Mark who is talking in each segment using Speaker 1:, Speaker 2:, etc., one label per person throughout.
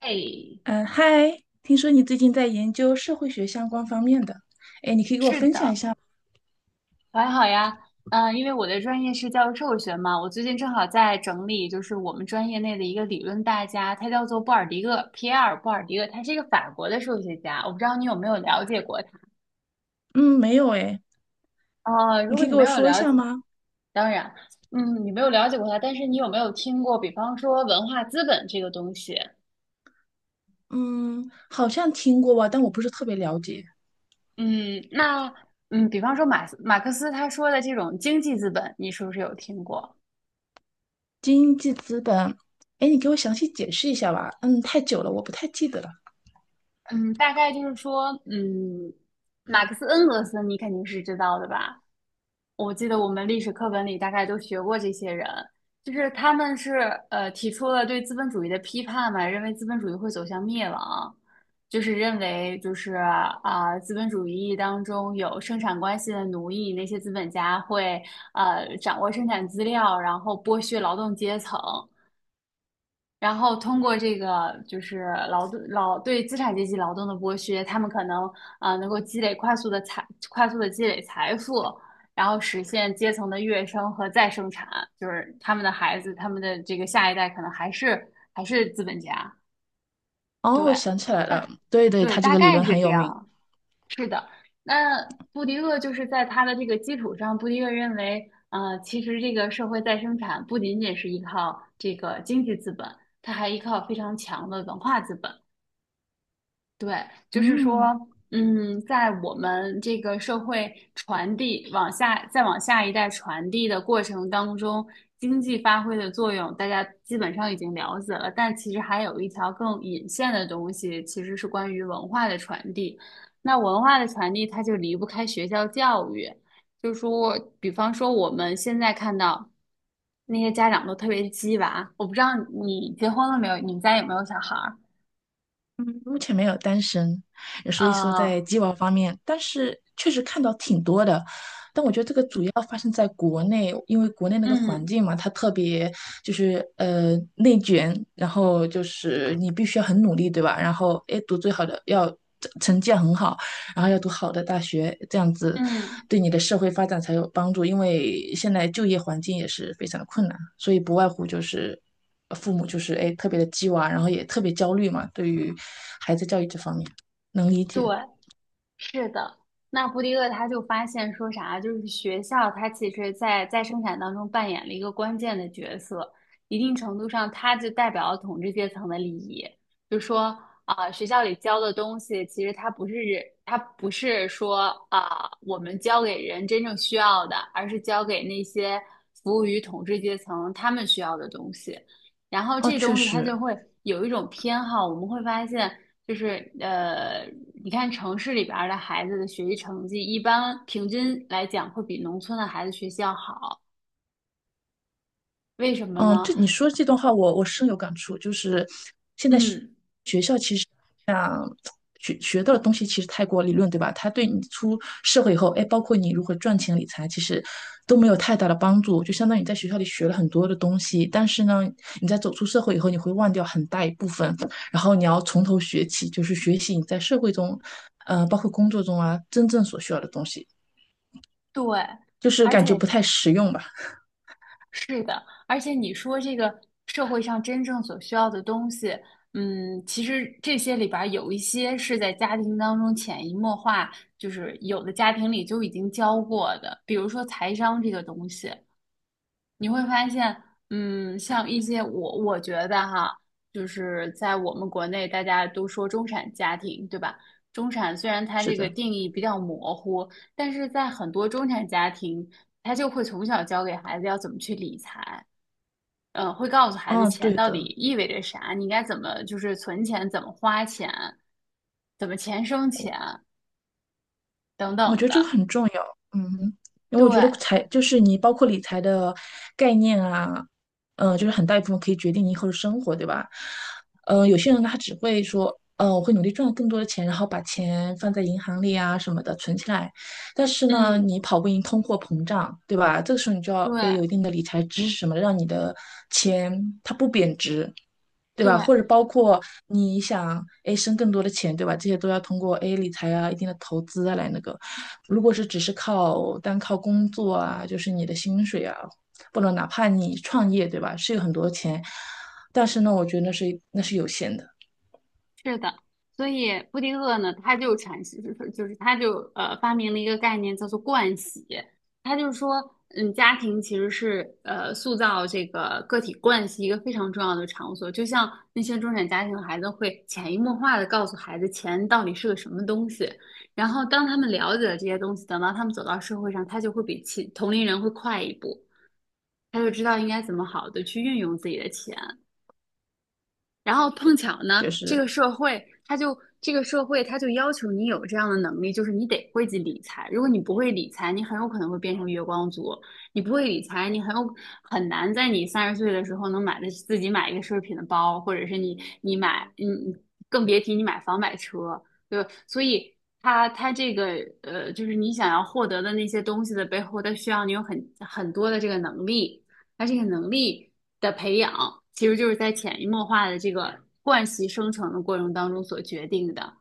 Speaker 1: 哎，
Speaker 2: 嗯，嗨，听说你最近在研究社会学相关方面的，哎，你可以给我
Speaker 1: 是
Speaker 2: 分享一
Speaker 1: 的，
Speaker 2: 下吗？
Speaker 1: 我还好呀。因为我的专业是教育社会学嘛，我最近正好在整理，就是我们专业内的一个理论大家，他叫做布尔迪厄，皮埃尔·布尔迪厄，他是一个法国的数学家。我不知道你有没有了解过他？
Speaker 2: 嗯，没有哎，
Speaker 1: 哦，如
Speaker 2: 你
Speaker 1: 果
Speaker 2: 可以
Speaker 1: 你
Speaker 2: 给
Speaker 1: 没
Speaker 2: 我
Speaker 1: 有
Speaker 2: 说一
Speaker 1: 了
Speaker 2: 下
Speaker 1: 解，
Speaker 2: 吗？
Speaker 1: 当然，嗯，你没有了解过他，但是你有没有听过，比方说文化资本这个东西？
Speaker 2: 嗯，好像听过吧，但我不是特别了解。
Speaker 1: 嗯，那嗯，比方说马克思他说的这种经济资本，你是不是有听过？
Speaker 2: 经济资本。哎，你给我详细解释一下吧。嗯，太久了，我不太记得了。
Speaker 1: 嗯，大概就是说，嗯，马克思恩格斯你肯定是知道的吧？我记得我们历史课本里大概都学过这些人，就是他们是提出了对资本主义的批判嘛，认为资本主义会走向灭亡，就是认为资本主义当中有生产关系的奴役，那些资本家会掌握生产资料，然后剥削劳动阶层。然后通过这个就是劳动劳对资产阶级劳动的剥削，他们可能能够积累快速的积累财富，然后实现阶层的跃升和再生产，就是他们的孩子，他们的这个下一代可能还是资本家，
Speaker 2: 哦，我
Speaker 1: 对，
Speaker 2: 想起来了，
Speaker 1: 大
Speaker 2: 对对，
Speaker 1: 对
Speaker 2: 他这
Speaker 1: 大
Speaker 2: 个理
Speaker 1: 概
Speaker 2: 论
Speaker 1: 是
Speaker 2: 很
Speaker 1: 这
Speaker 2: 有名。
Speaker 1: 样。那布迪厄就是在他的这个基础上，布迪厄认为，其实这个社会再生产不仅仅是依靠这个经济资本，它还依靠非常强的文化资本。对，就是说，
Speaker 2: 嗯。
Speaker 1: 在我们这个社会传递往下，再往下一代传递的过程当中，经济发挥的作用，大家基本上已经了解了。但其实还有一条更隐线的东西，其实是关于文化的传递。那文化的传递，它就离不开学校教育。就是说，比方说我们现在看到那些家长都特别鸡娃，我不知道你结婚了没有，你们家有没有小孩儿？
Speaker 2: 嗯，目前没有单身，所以说在
Speaker 1: 呃，
Speaker 2: 鸡娃方面，但是确实看到挺多的。但我觉得这个主要发生在国内，因为国内那个环
Speaker 1: 嗯。
Speaker 2: 境嘛，它特别就是内卷，然后就是你必须要很努力，对吧？然后哎，诶读最好的要成绩要很好，然后要读好的大学，这样子
Speaker 1: 嗯，
Speaker 2: 对你的社会发展才有帮助。因为现在就业环境也是非常的困难，所以不外乎就是父母就是哎特别的鸡娃，然后也特别焦虑嘛，对于孩子教育这方面能理
Speaker 1: 对，
Speaker 2: 解。
Speaker 1: 是的。那布迪厄他就发现说啥，就是学校它其实在生产当中扮演了一个关键的角色，一定程度上它就代表了统治阶层的利益。就说学校里教的东西，其实它不是它不是说我们教给人真正需要的，而是教给那些服务于统治阶层他们需要的东西。然后
Speaker 2: 哦，
Speaker 1: 这
Speaker 2: 确
Speaker 1: 东西它
Speaker 2: 实，
Speaker 1: 就会有一种偏好，我们会发现，就是呃，你看城市里边儿的孩子的学习成绩，一般平均来讲会比农村的孩子学习要好，为什么
Speaker 2: 嗯，
Speaker 1: 呢？
Speaker 2: 这你说这段话我深有感触，就是现在。学。
Speaker 1: 嗯，
Speaker 2: 像学到的东西其实太过理论，对吧？它对你出社会以后，哎，包括你如何赚钱理财，其实都没有太大的帮助。就相当于你在学校里学了很多的东西，但是呢，你在走出社会以后，你会忘掉很大一部分，然后你要从头学起，就是学习你在社会中，呃，包括工作中啊，真正所需要的东西，
Speaker 1: 对，
Speaker 2: 就是
Speaker 1: 而
Speaker 2: 感觉不
Speaker 1: 且
Speaker 2: 太实用吧？
Speaker 1: 是的，而且你说这个社会上真正所需要的东西，其实这些里边儿有一些是在家庭当中潜移默化，就是有的家庭里就已经教过的，比如说财商这个东西。你会发现，像一些我觉得哈，就是在我们国内大家都说中产家庭，对吧？中产虽然它
Speaker 2: 是
Speaker 1: 这个
Speaker 2: 的，
Speaker 1: 定义比较模糊，但是在很多中产家庭，他就会从小教给孩子要怎么去理财，嗯，会告诉孩子
Speaker 2: 嗯，对
Speaker 1: 钱到底
Speaker 2: 的。
Speaker 1: 意味着啥，你应该怎么就是存钱，怎么花钱，怎么钱生钱等
Speaker 2: 我觉
Speaker 1: 等
Speaker 2: 得这个
Speaker 1: 的。
Speaker 2: 很重要，嗯，因为
Speaker 1: 对，
Speaker 2: 我觉得财就是你包括理财的概念啊，就是很大一部分可以决定你以后的生活，对吧？呃，有些人呢他只会说，呃，我会努力赚更多的钱，然后把钱放在银行里啊什么的存起来，但是呢，
Speaker 1: 嗯，
Speaker 2: 你跑不赢通货膨胀，对吧？这个时候你就要，哎，有一
Speaker 1: 对
Speaker 2: 定的理财知识什么的让你的钱它不贬值，对吧？
Speaker 1: 对。
Speaker 2: 或者包括你想诶生更多的钱，对吧？这些都要通过哎，理财啊、一定的投资啊来那个。如果是只是靠单靠工作啊，就是你的薪水啊，不能哪怕你创业，对吧？是有很多钱，但是呢，我觉得那是有限的，
Speaker 1: 是的，所以布丁厄呢，他就阐释，就是他就发明了一个概念叫做惯习，他就说，嗯，家庭其实是塑造这个个体惯习一个非常重要的场所，就像那些中产家庭的孩子会潜移默化的告诉孩子钱到底是个什么东西，然后当他们了解了这些东西，等到他们走到社会上，他就会比其同龄人会快一步，他就知道应该怎么好的去运用自己的钱。然后碰巧呢，
Speaker 2: 就是
Speaker 1: 这个社会它就要求你有这样的能力，就是你得会去理财。如果你不会理财，你很有可能会变成月光族。你不会理财，你很有很难在你30岁的时候能买的自己买一个奢侈品的包，或者是你你买嗯，你更别提你买房买车，对吧？所以它这个就是你想要获得的那些东西的背后，它需要你有很多的这个能力。它这个能力的培养，其实就是在潜移默化的这个惯习生成的过程当中所决定的。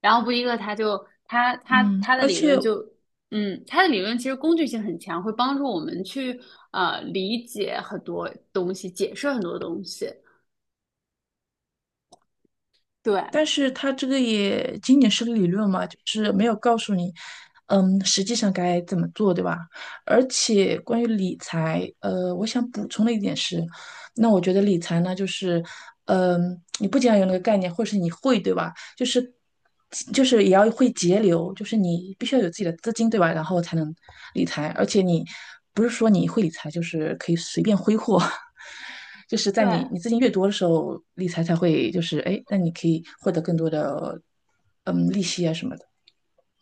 Speaker 1: 然后布迪克他就他他
Speaker 2: 嗯，
Speaker 1: 他的
Speaker 2: 而
Speaker 1: 理
Speaker 2: 且
Speaker 1: 论就，嗯，他的理论其实工具性很强，会帮助我们去理解很多东西，解释很多东西。对
Speaker 2: 但是它这个也仅仅是个理论嘛，就是没有告诉你，嗯，实际上该怎么做，对吧？而且关于理财，呃，我想补充的一点是，那我觉得理财呢，就是，嗯，你不仅要有那个概念，或是你会，对吧？就是就是也要会节流，就是你必须要有自己的资金，对吧？然后才能理财，而且你不是说你会理财就是可以随便挥霍，就是在你
Speaker 1: 对，
Speaker 2: 你资金越多的时候，理财才会就是哎，那你可以获得更多的嗯利息啊什么的，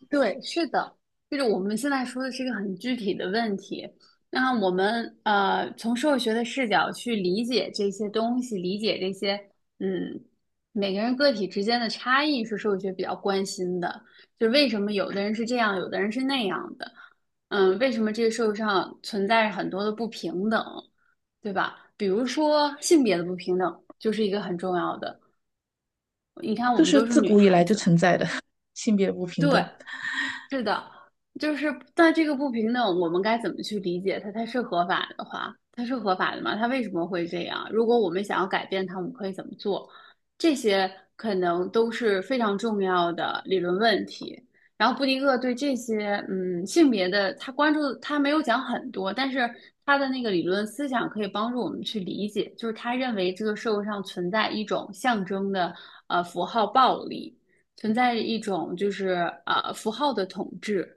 Speaker 1: 对，是的，就是我们现在说的是一个很具体的问题。那我们从社会学的视角去理解这些东西，理解这些嗯，每个人个体之间的差异是社会学比较关心的。就为什么有的人是这样，有的人是那样的？嗯，为什么这个社会上存在着很多的不平等，对吧？比如说性别的不平等就是一个很重要的。你看，我
Speaker 2: 这
Speaker 1: 们
Speaker 2: 是
Speaker 1: 都是
Speaker 2: 自
Speaker 1: 女
Speaker 2: 古以
Speaker 1: 孩
Speaker 2: 来就
Speaker 1: 子，
Speaker 2: 存在的 性别不平
Speaker 1: 对。
Speaker 2: 等。
Speaker 1: 是的，就是在这个不平等，我们该怎么去理解它？它是合法的话，它是合法的吗？它为什么会这样？如果我们想要改变它，我们可以怎么做？这些可能都是非常重要的理论问题。然后布迪厄对这些嗯性别的，他关注他没有讲很多，但是他的那个理论思想可以帮助我们去理解，就是他认为这个社会上存在一种象征的符号暴力。存在一种就是符号的统治。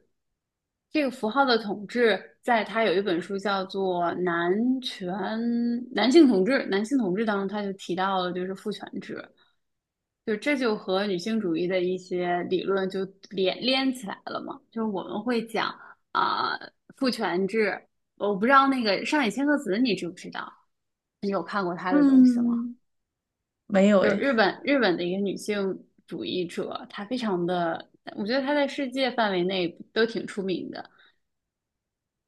Speaker 1: 这个符号的统治，在他有一本书叫做男性统治》，男性统治当中他就提到了就是父权制，就这就和女性主义的一些理论就连起来了嘛。就是我们会讲父权制，我不知道那个上野千鹤子你知不知道？你有看过他的东西吗？
Speaker 2: 嗯，没有
Speaker 1: 就是
Speaker 2: 哎。
Speaker 1: 日本的一个女性主义者，她非常的，我觉得她在世界范围内都挺出名的。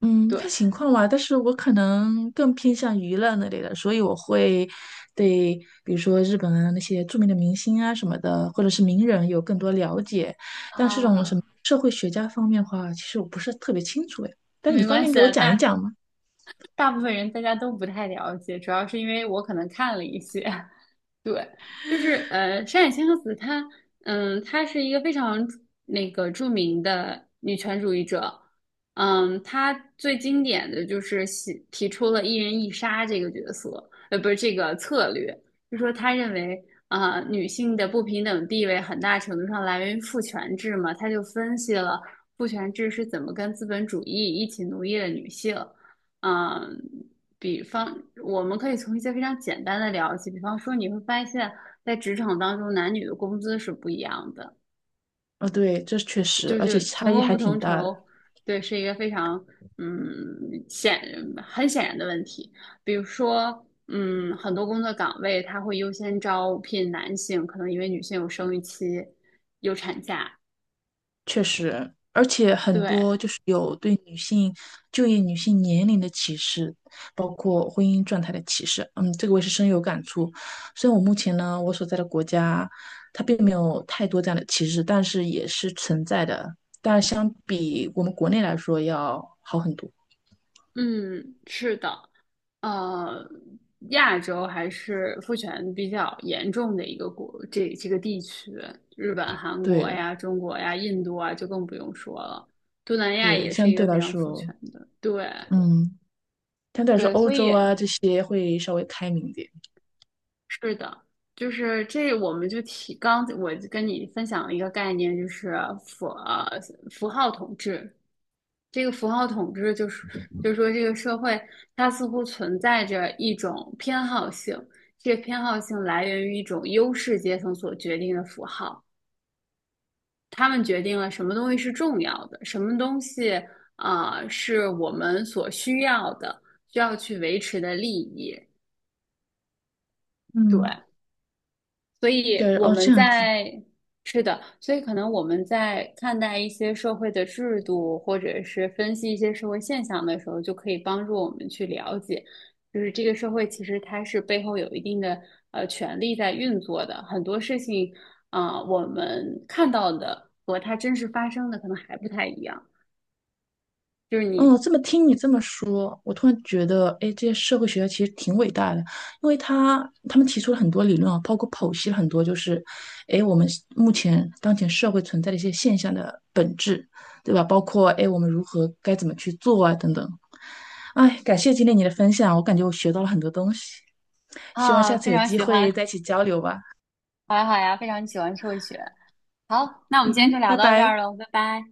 Speaker 2: 嗯，
Speaker 1: 对，
Speaker 2: 看情况吧，但是我可能更偏向娱乐那类的，所以我会对，比如说日本啊那些著名的明星啊什么的，或者是名人有更多了解。但是这种什
Speaker 1: 啊，
Speaker 2: 么社会学家方面的话，其实我不是特别清楚哎。但是你
Speaker 1: 没
Speaker 2: 方
Speaker 1: 关
Speaker 2: 便
Speaker 1: 系
Speaker 2: 给我
Speaker 1: 啊，
Speaker 2: 讲一讲吗？
Speaker 1: 大部分人大家都不太了解，主要是因为我可能看了一些。对，就是山野千鹤子她，嗯，她是一个非常那个著名的女权主义者，嗯，她最经典的就是提出了"一人一杀"这个角色，不是这个策略，就说她认为女性的不平等地位很大程度上来源于父权制嘛，她就分析了父权制是怎么跟资本主义一起奴役了女性。嗯，比方，我们可以从一些非常简单的聊起，比方说你会发现在职场当中，男女的工资是不一样的，
Speaker 2: 啊，对，这确实，
Speaker 1: 就
Speaker 2: 而且
Speaker 1: 是
Speaker 2: 差
Speaker 1: 同
Speaker 2: 异
Speaker 1: 工
Speaker 2: 还
Speaker 1: 不
Speaker 2: 挺
Speaker 1: 同
Speaker 2: 大的。
Speaker 1: 酬，对，是一个非常嗯显很显然的问题。比如说，很多工作岗位它会优先招聘男性，可能因为女性有生育期、有产假。
Speaker 2: 确实，而且很
Speaker 1: 对，
Speaker 2: 多就是有对女性就业、女性年龄的歧视，包括婚姻状态的歧视。嗯，这个我也是深有感触。虽然我目前呢，我所在的国家它并没有太多这样的歧视，但是也是存在的。但是相比我们国内来说要好很多。
Speaker 1: 嗯，是的。呃，亚洲还是父权比较严重的一个国，这个地区，日本、韩国
Speaker 2: 对的，
Speaker 1: 呀、中国呀、印度啊，就更不用说了。东南亚
Speaker 2: 对，
Speaker 1: 也是
Speaker 2: 相
Speaker 1: 一个
Speaker 2: 对
Speaker 1: 非
Speaker 2: 来
Speaker 1: 常父
Speaker 2: 说，
Speaker 1: 权的，对
Speaker 2: 嗯，相对来说
Speaker 1: 对，
Speaker 2: 欧
Speaker 1: 所以
Speaker 2: 洲啊这些会稍微开明一点。
Speaker 1: 是的，就是这我们就提刚我跟你分享了一个概念，就是符呃符号统治，这个符号统治就是，就是说这个社会它似乎存在着一种偏好性，这个偏好性来源于一种优势阶层所决定的符号，他们决定了什么东西是重要的，什么东西啊，是我们所需要的，需要去维持的利益。对，
Speaker 2: 嗯，
Speaker 1: 所以
Speaker 2: 对，
Speaker 1: 我
Speaker 2: 哦，
Speaker 1: 们
Speaker 2: 这样子。
Speaker 1: 在，是的，所以可能我们在看待一些社会的制度，或者是分析一些社会现象的时候，就可以帮助我们去了解，就是这个社会其实它是背后有一定的权力在运作的，很多事情啊，我们看到的和它真实发生的可能还不太一样。就是你
Speaker 2: 嗯，这么听你这么说，我突然觉得，哎，这些社会学家其实挺伟大的，因为他他们提出了很多理论啊，包括剖析了很多，就是，哎，我们目前当前社会存在的一些现象的本质，对吧？包括哎，我们如何该怎么去做啊，等等。哎，感谢今天你的分享，我感觉我学到了很多东西，希望
Speaker 1: 啊，
Speaker 2: 下次
Speaker 1: 非
Speaker 2: 有
Speaker 1: 常
Speaker 2: 机
Speaker 1: 喜欢，
Speaker 2: 会再一起交流吧。
Speaker 1: 好呀好呀，非常喜欢社会学。好，那我们
Speaker 2: 嗯
Speaker 1: 今天就
Speaker 2: 哼，
Speaker 1: 聊
Speaker 2: 拜
Speaker 1: 到这儿
Speaker 2: 拜。
Speaker 1: 了，拜拜。